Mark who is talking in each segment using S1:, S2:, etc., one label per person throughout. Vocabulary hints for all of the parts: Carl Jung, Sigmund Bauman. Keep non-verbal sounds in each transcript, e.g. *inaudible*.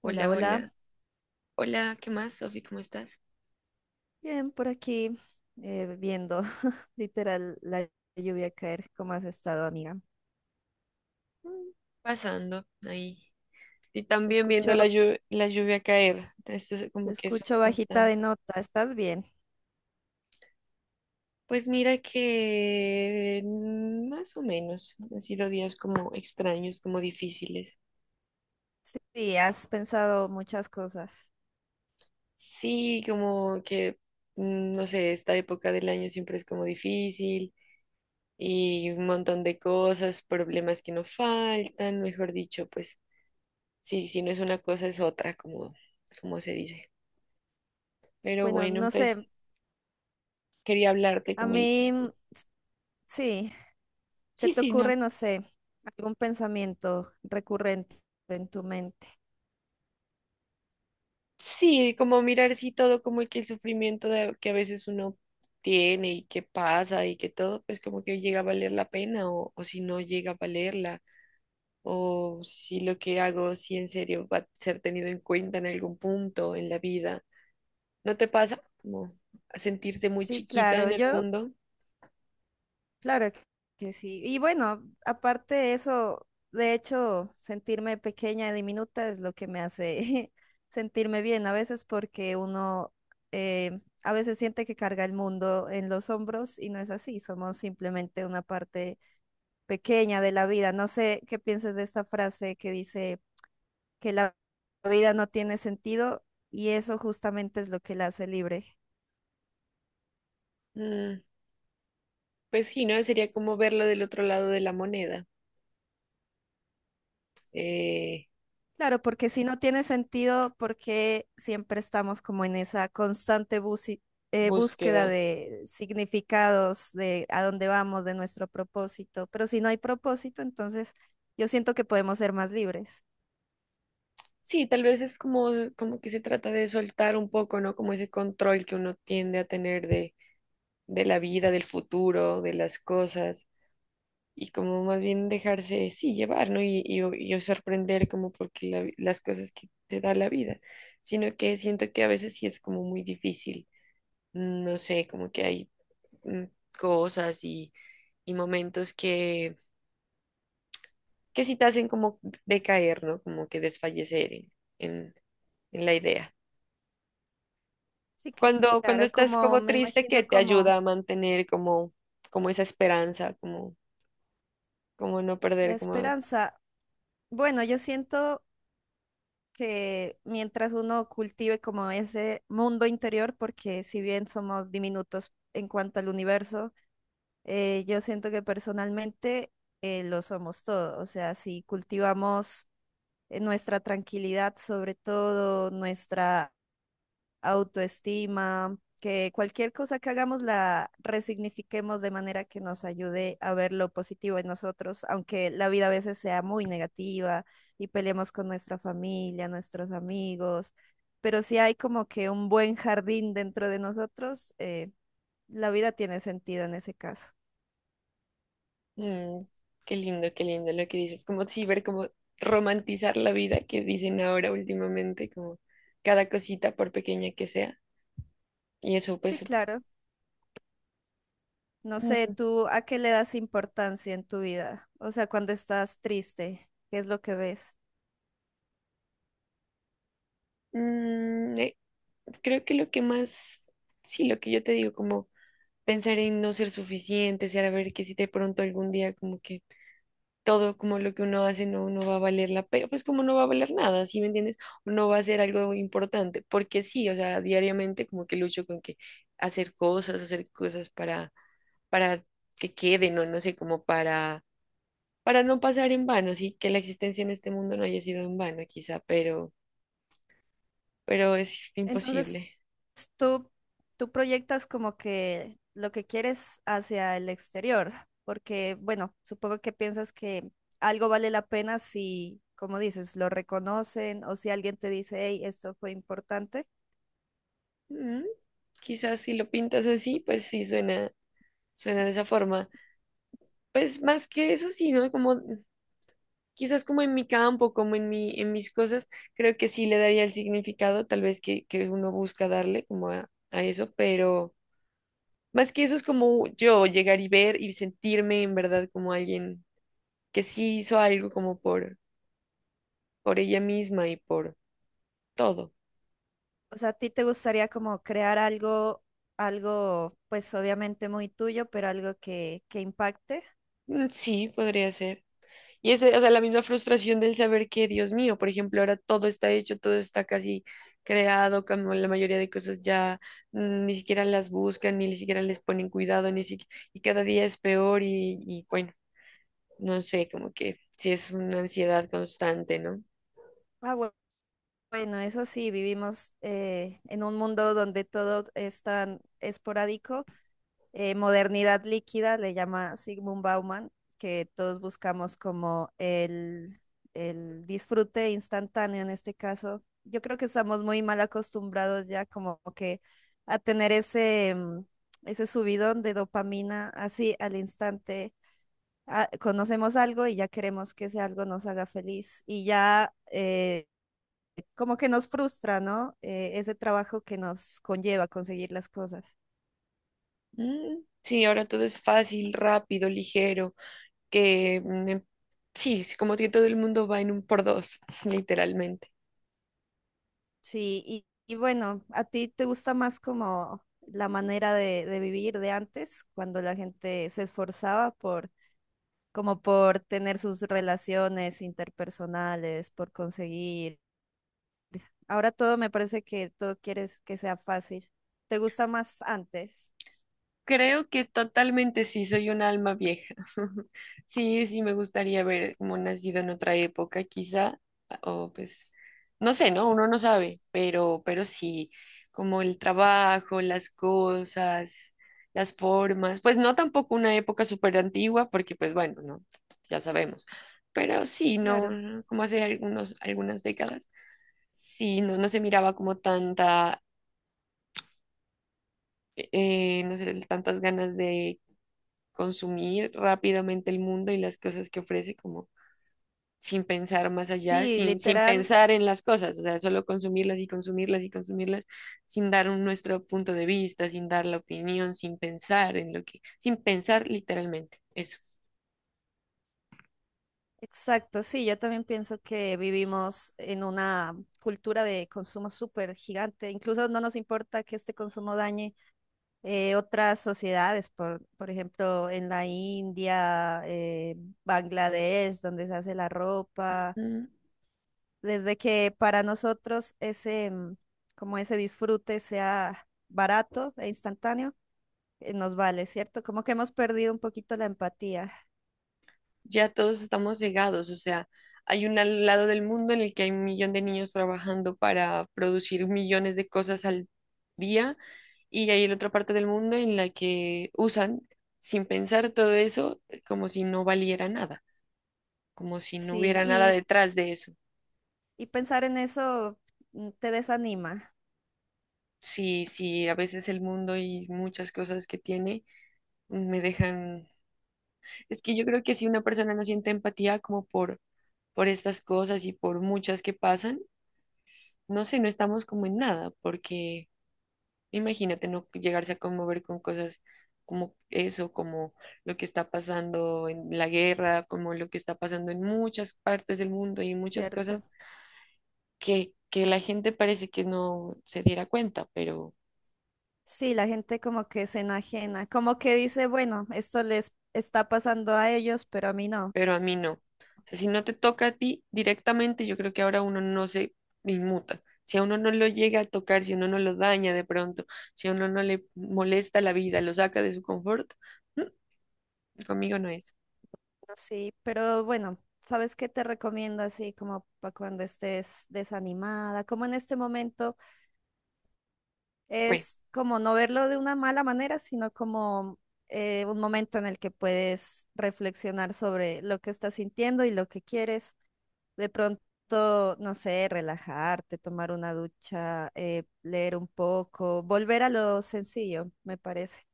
S1: Hola,
S2: Hola,
S1: hola.
S2: hola. Hola, ¿qué más, Sofi? ¿Cómo estás?
S1: Bien, por aquí viendo *laughs* literal la lluvia caer. ¿Cómo has estado, amiga?
S2: Mm, Pasando ahí. Y
S1: Te
S2: también viendo
S1: escucho,
S2: la lluvia caer. Esto es
S1: te
S2: como que es un
S1: escucho bajita de
S2: constante.
S1: nota. ¿Estás bien?
S2: Pues mira que más o menos han sido días como extraños, como difíciles.
S1: Sí, has pensado muchas cosas.
S2: Sí, como que, no sé, esta época del año siempre es como difícil y un montón de cosas, problemas que no faltan, mejor dicho, pues sí, si no es una cosa es otra, como, como se dice. Pero
S1: Bueno,
S2: bueno,
S1: no sé,
S2: pues quería hablarte
S1: a
S2: como,
S1: mí sí, se
S2: sí,
S1: te
S2: sí, no,
S1: ocurre, no sé, algún pensamiento recurrente en tu mente.
S2: sí, como mirar sí todo, como que el que a veces uno tiene y que pasa y que todo, pues como que llega a valer la pena o si no llega a valerla o si lo que hago, si en serio va a ser tenido en cuenta en algún punto en la vida. ¿No te pasa como a sentirte muy
S1: Sí,
S2: chiquita
S1: claro,
S2: en el
S1: yo
S2: mundo?
S1: Claro que que sí. Y bueno, aparte de eso, de hecho, sentirme pequeña y diminuta es lo que me hace *laughs* sentirme bien a veces porque uno a veces siente que carga el mundo en los hombros y no es así, somos simplemente una parte pequeña de la vida. No sé qué piensas de esta frase que dice que la vida no tiene sentido y eso justamente es lo que la hace libre.
S2: Mm, pues sí, ¿no? Sería como verlo del otro lado de la moneda. Eh,
S1: Claro, porque si no tiene sentido, porque siempre estamos como en esa constante búsqueda
S2: Búsqueda.
S1: de significados, de a dónde vamos, de nuestro propósito. Pero si no hay propósito, entonces yo siento que podemos ser más libres.
S2: Sí, tal vez es como, como que se trata de soltar un poco, ¿no? Como ese control que uno tiende a tener de la vida, del futuro, de las cosas, y como más bien dejarse, sí, llevar, ¿no? Y sorprender como porque las cosas que te da la vida, sino que siento que a veces sí es como muy difícil, no sé, como que hay mm, cosas y momentos que sí te hacen como decaer, ¿no? Como que desfallecer en, en en la idea.
S1: Sí,
S2: Cuando
S1: claro,
S2: estás
S1: como
S2: como
S1: me
S2: triste, que
S1: imagino
S2: te
S1: como
S2: ayuda a mantener como, como esa esperanza, como, como no
S1: la
S2: perder, como,
S1: esperanza. Bueno, yo siento que mientras uno cultive como ese mundo interior, porque si bien somos diminutos en cuanto al universo, yo siento que personalmente lo somos todo, o sea, si cultivamos nuestra tranquilidad, sobre todo nuestra autoestima, que cualquier cosa que hagamos la resignifiquemos de manera que nos ayude a ver lo positivo en nosotros, aunque la vida a veces sea muy negativa y peleemos con nuestra familia, nuestros amigos, pero si hay como que un buen jardín dentro de nosotros, la vida tiene sentido en ese caso.
S2: mm, qué lindo lo que dices, como sí, ver como romantizar la vida que dicen ahora últimamente, como cada cosita por pequeña que sea. Y eso
S1: Sí,
S2: pues,
S1: claro. No sé,
S2: mm,
S1: ¿tú a qué le das importancia en tu vida? O sea, cuando estás triste, ¿qué es lo que ves?
S2: mm, eh, creo que lo que más, sí, lo que yo te digo, como pensar en no ser suficiente, a ver que si de pronto algún día como que todo como lo que uno hace no, no va a valer la pena, pues como no va a valer nada, ¿sí me entiendes? O no va a ser algo importante, porque sí, o sea, diariamente como que lucho con que hacer cosas para que queden, o no sé, como para no pasar en vano, sí, que la existencia en este mundo no haya sido en vano quizá, pero es
S1: Entonces,
S2: imposible.
S1: tú, tú proyectas como que lo que quieres hacia el exterior, porque, bueno, supongo que piensas que algo vale la pena si, como dices, lo reconocen o si alguien te dice, hey, esto fue importante.
S2: Mm, Quizás si lo pintas así, pues sí suena, suena de esa forma. Pues más que eso sí, ¿no? Como quizás como en mi campo, como en mi, en mis cosas, creo que sí le daría el significado, tal vez que uno busca darle como a eso, pero más que eso es como yo llegar y ver y sentirme en verdad como alguien que sí hizo algo como por ella misma y por todo.
S1: O sea, ¿a ti te gustaría como crear algo, algo, pues obviamente muy tuyo, pero algo que impacte?
S2: Mm, sí, podría ser. Y ese, o sea, la misma frustración del saber que, Dios mío, por ejemplo, ahora todo está hecho, todo está casi creado, como la mayoría de cosas ya ni siquiera las buscan, ni siquiera les ponen cuidado, ni siquiera, y cada día es peor y bueno, no sé, como que sí es una ansiedad constante, ¿no?
S1: Ah, bu- bueno, eso sí, vivimos en un mundo donde todo es tan esporádico, modernidad líquida, le llama Sigmund Bauman, que todos buscamos como el disfrute instantáneo en este caso. Yo creo que estamos muy mal acostumbrados ya como que a tener ese, ese subidón de dopamina así al instante. Ah, conocemos algo y ya queremos que ese algo nos haga feliz y ya, como que nos frustra, ¿no? Ese trabajo que nos conlleva conseguir las cosas.
S2: Mm, sí, ahora todo es fácil, rápido, ligero, que sí, es como que todo el mundo va en un por dos, *laughs* literalmente.
S1: Sí, y bueno, ¿a ti te gusta más como la manera de vivir de antes, cuando la gente se esforzaba por, como por tener sus relaciones interpersonales, por conseguir? Ahora todo me parece que todo quieres que sea fácil. ¿Te gusta más antes?
S2: Creo que totalmente sí, soy un alma vieja. *laughs* Sí, sí, me gustaría haber como nacido en otra época, quizá, o pues, no sé, ¿no? Uno no sabe, pero sí, como el trabajo, las cosas, las formas, pues no tampoco una época súper antigua, porque pues bueno, no, ya sabemos, pero sí,
S1: Claro.
S2: no, como hace algunos, algunas décadas. Sí, no, no se miraba como tanta, no sé, tantas ganas de consumir rápidamente el mundo y las cosas que ofrece, como sin pensar más allá,
S1: Sí,
S2: sin
S1: literal,
S2: pensar en las cosas, o sea, solo consumirlas y consumirlas y consumirlas sin dar nuestro punto de vista, sin dar la opinión, sin pensar en lo que, sin pensar literalmente, eso.
S1: exacto. Sí, yo también pienso que vivimos en una cultura de consumo súper gigante. Incluso no nos importa que este consumo dañe otras sociedades, por ejemplo, en la India, Bangladesh, donde se hace la ropa,
S2: Mm.
S1: desde que para nosotros ese, como ese disfrute sea barato e instantáneo, nos vale, ¿cierto? Como que hemos perdido un poquito la empatía.
S2: Ya todos estamos cegados, o sea, hay un lado del mundo en el que hay un millón de niños trabajando para producir millones de cosas al día y hay la otra parte del mundo en la que usan sin pensar todo eso como si no valiera nada, como si no
S1: Sí,
S2: hubiera nada detrás de eso.
S1: y pensar en eso, te desanima,
S2: Sí, sí, a veces el mundo y muchas cosas que tiene me dejan... Es que yo creo que si una persona no siente empatía como por estas cosas y por muchas que pasan, no sé, no estamos como en nada, porque imagínate no llegarse a conmover con cosas como eso, como lo que está pasando en la guerra, como lo que está pasando en muchas partes del mundo y muchas
S1: ¿cierto?
S2: cosas que la gente parece que no se diera cuenta, pero,
S1: Sí, la gente como que se enajena, como que dice, bueno, esto les está pasando a ellos, pero a mí no.
S2: pero a mí no. O sea, si no te toca a ti directamente, yo creo que ahora uno no se inmuta. Si a uno no lo llega a tocar, si a uno no lo daña de pronto, si a uno no le molesta la vida, lo saca de su confort, mm, conmigo no es.
S1: No, sí, pero bueno, ¿sabes qué te recomiendo así como para cuando estés desanimada? Como en este momento.
S2: Bueno,
S1: Es como no verlo de una mala manera, sino como un momento en el que puedes reflexionar sobre lo que estás sintiendo y lo que quieres. De pronto, no sé, relajarte, tomar una ducha, leer un poco, volver a lo sencillo, me parece.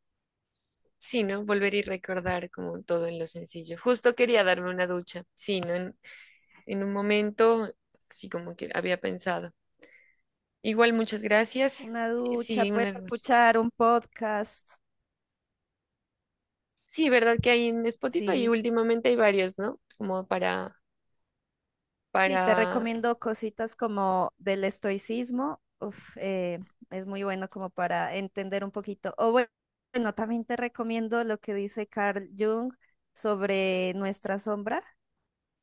S2: sí, ¿no? Volver y recordar como todo en lo sencillo. Justo quería darme una ducha, sí, ¿no? En un momento, sí, como que había pensado. Igual, muchas gracias.
S1: Una ducha,
S2: Sí, una,
S1: puedes escuchar un podcast,
S2: sí, verdad que hay en Spotify y
S1: sí.
S2: últimamente hay varios, ¿no? Como para,
S1: Sí, te
S2: para,
S1: recomiendo cositas como del estoicismo. Uf, es muy bueno como para entender un poquito. Bueno, también te recomiendo lo que dice Carl Jung sobre nuestra sombra.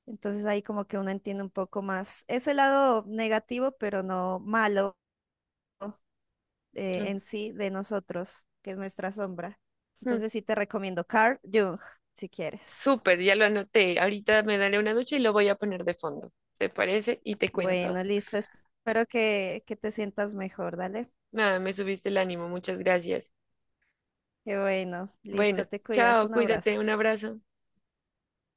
S1: Entonces ahí como que uno entiende un poco más ese lado negativo, pero no malo, en sí de nosotros, que es nuestra sombra.
S2: ujú.
S1: Entonces sí te recomiendo Carl Jung, si quieres.
S2: Súper, ya lo anoté. Ahorita me daré una ducha y lo voy a poner de fondo. ¿Te parece? Y te cuento.
S1: Bueno, listo. Espero que te sientas mejor. Dale.
S2: Nada, me subiste el ánimo, muchas gracias.
S1: Qué bueno, listo,
S2: Bueno,
S1: te cuidas,
S2: chao,
S1: un
S2: cuídate,
S1: abrazo.
S2: un abrazo.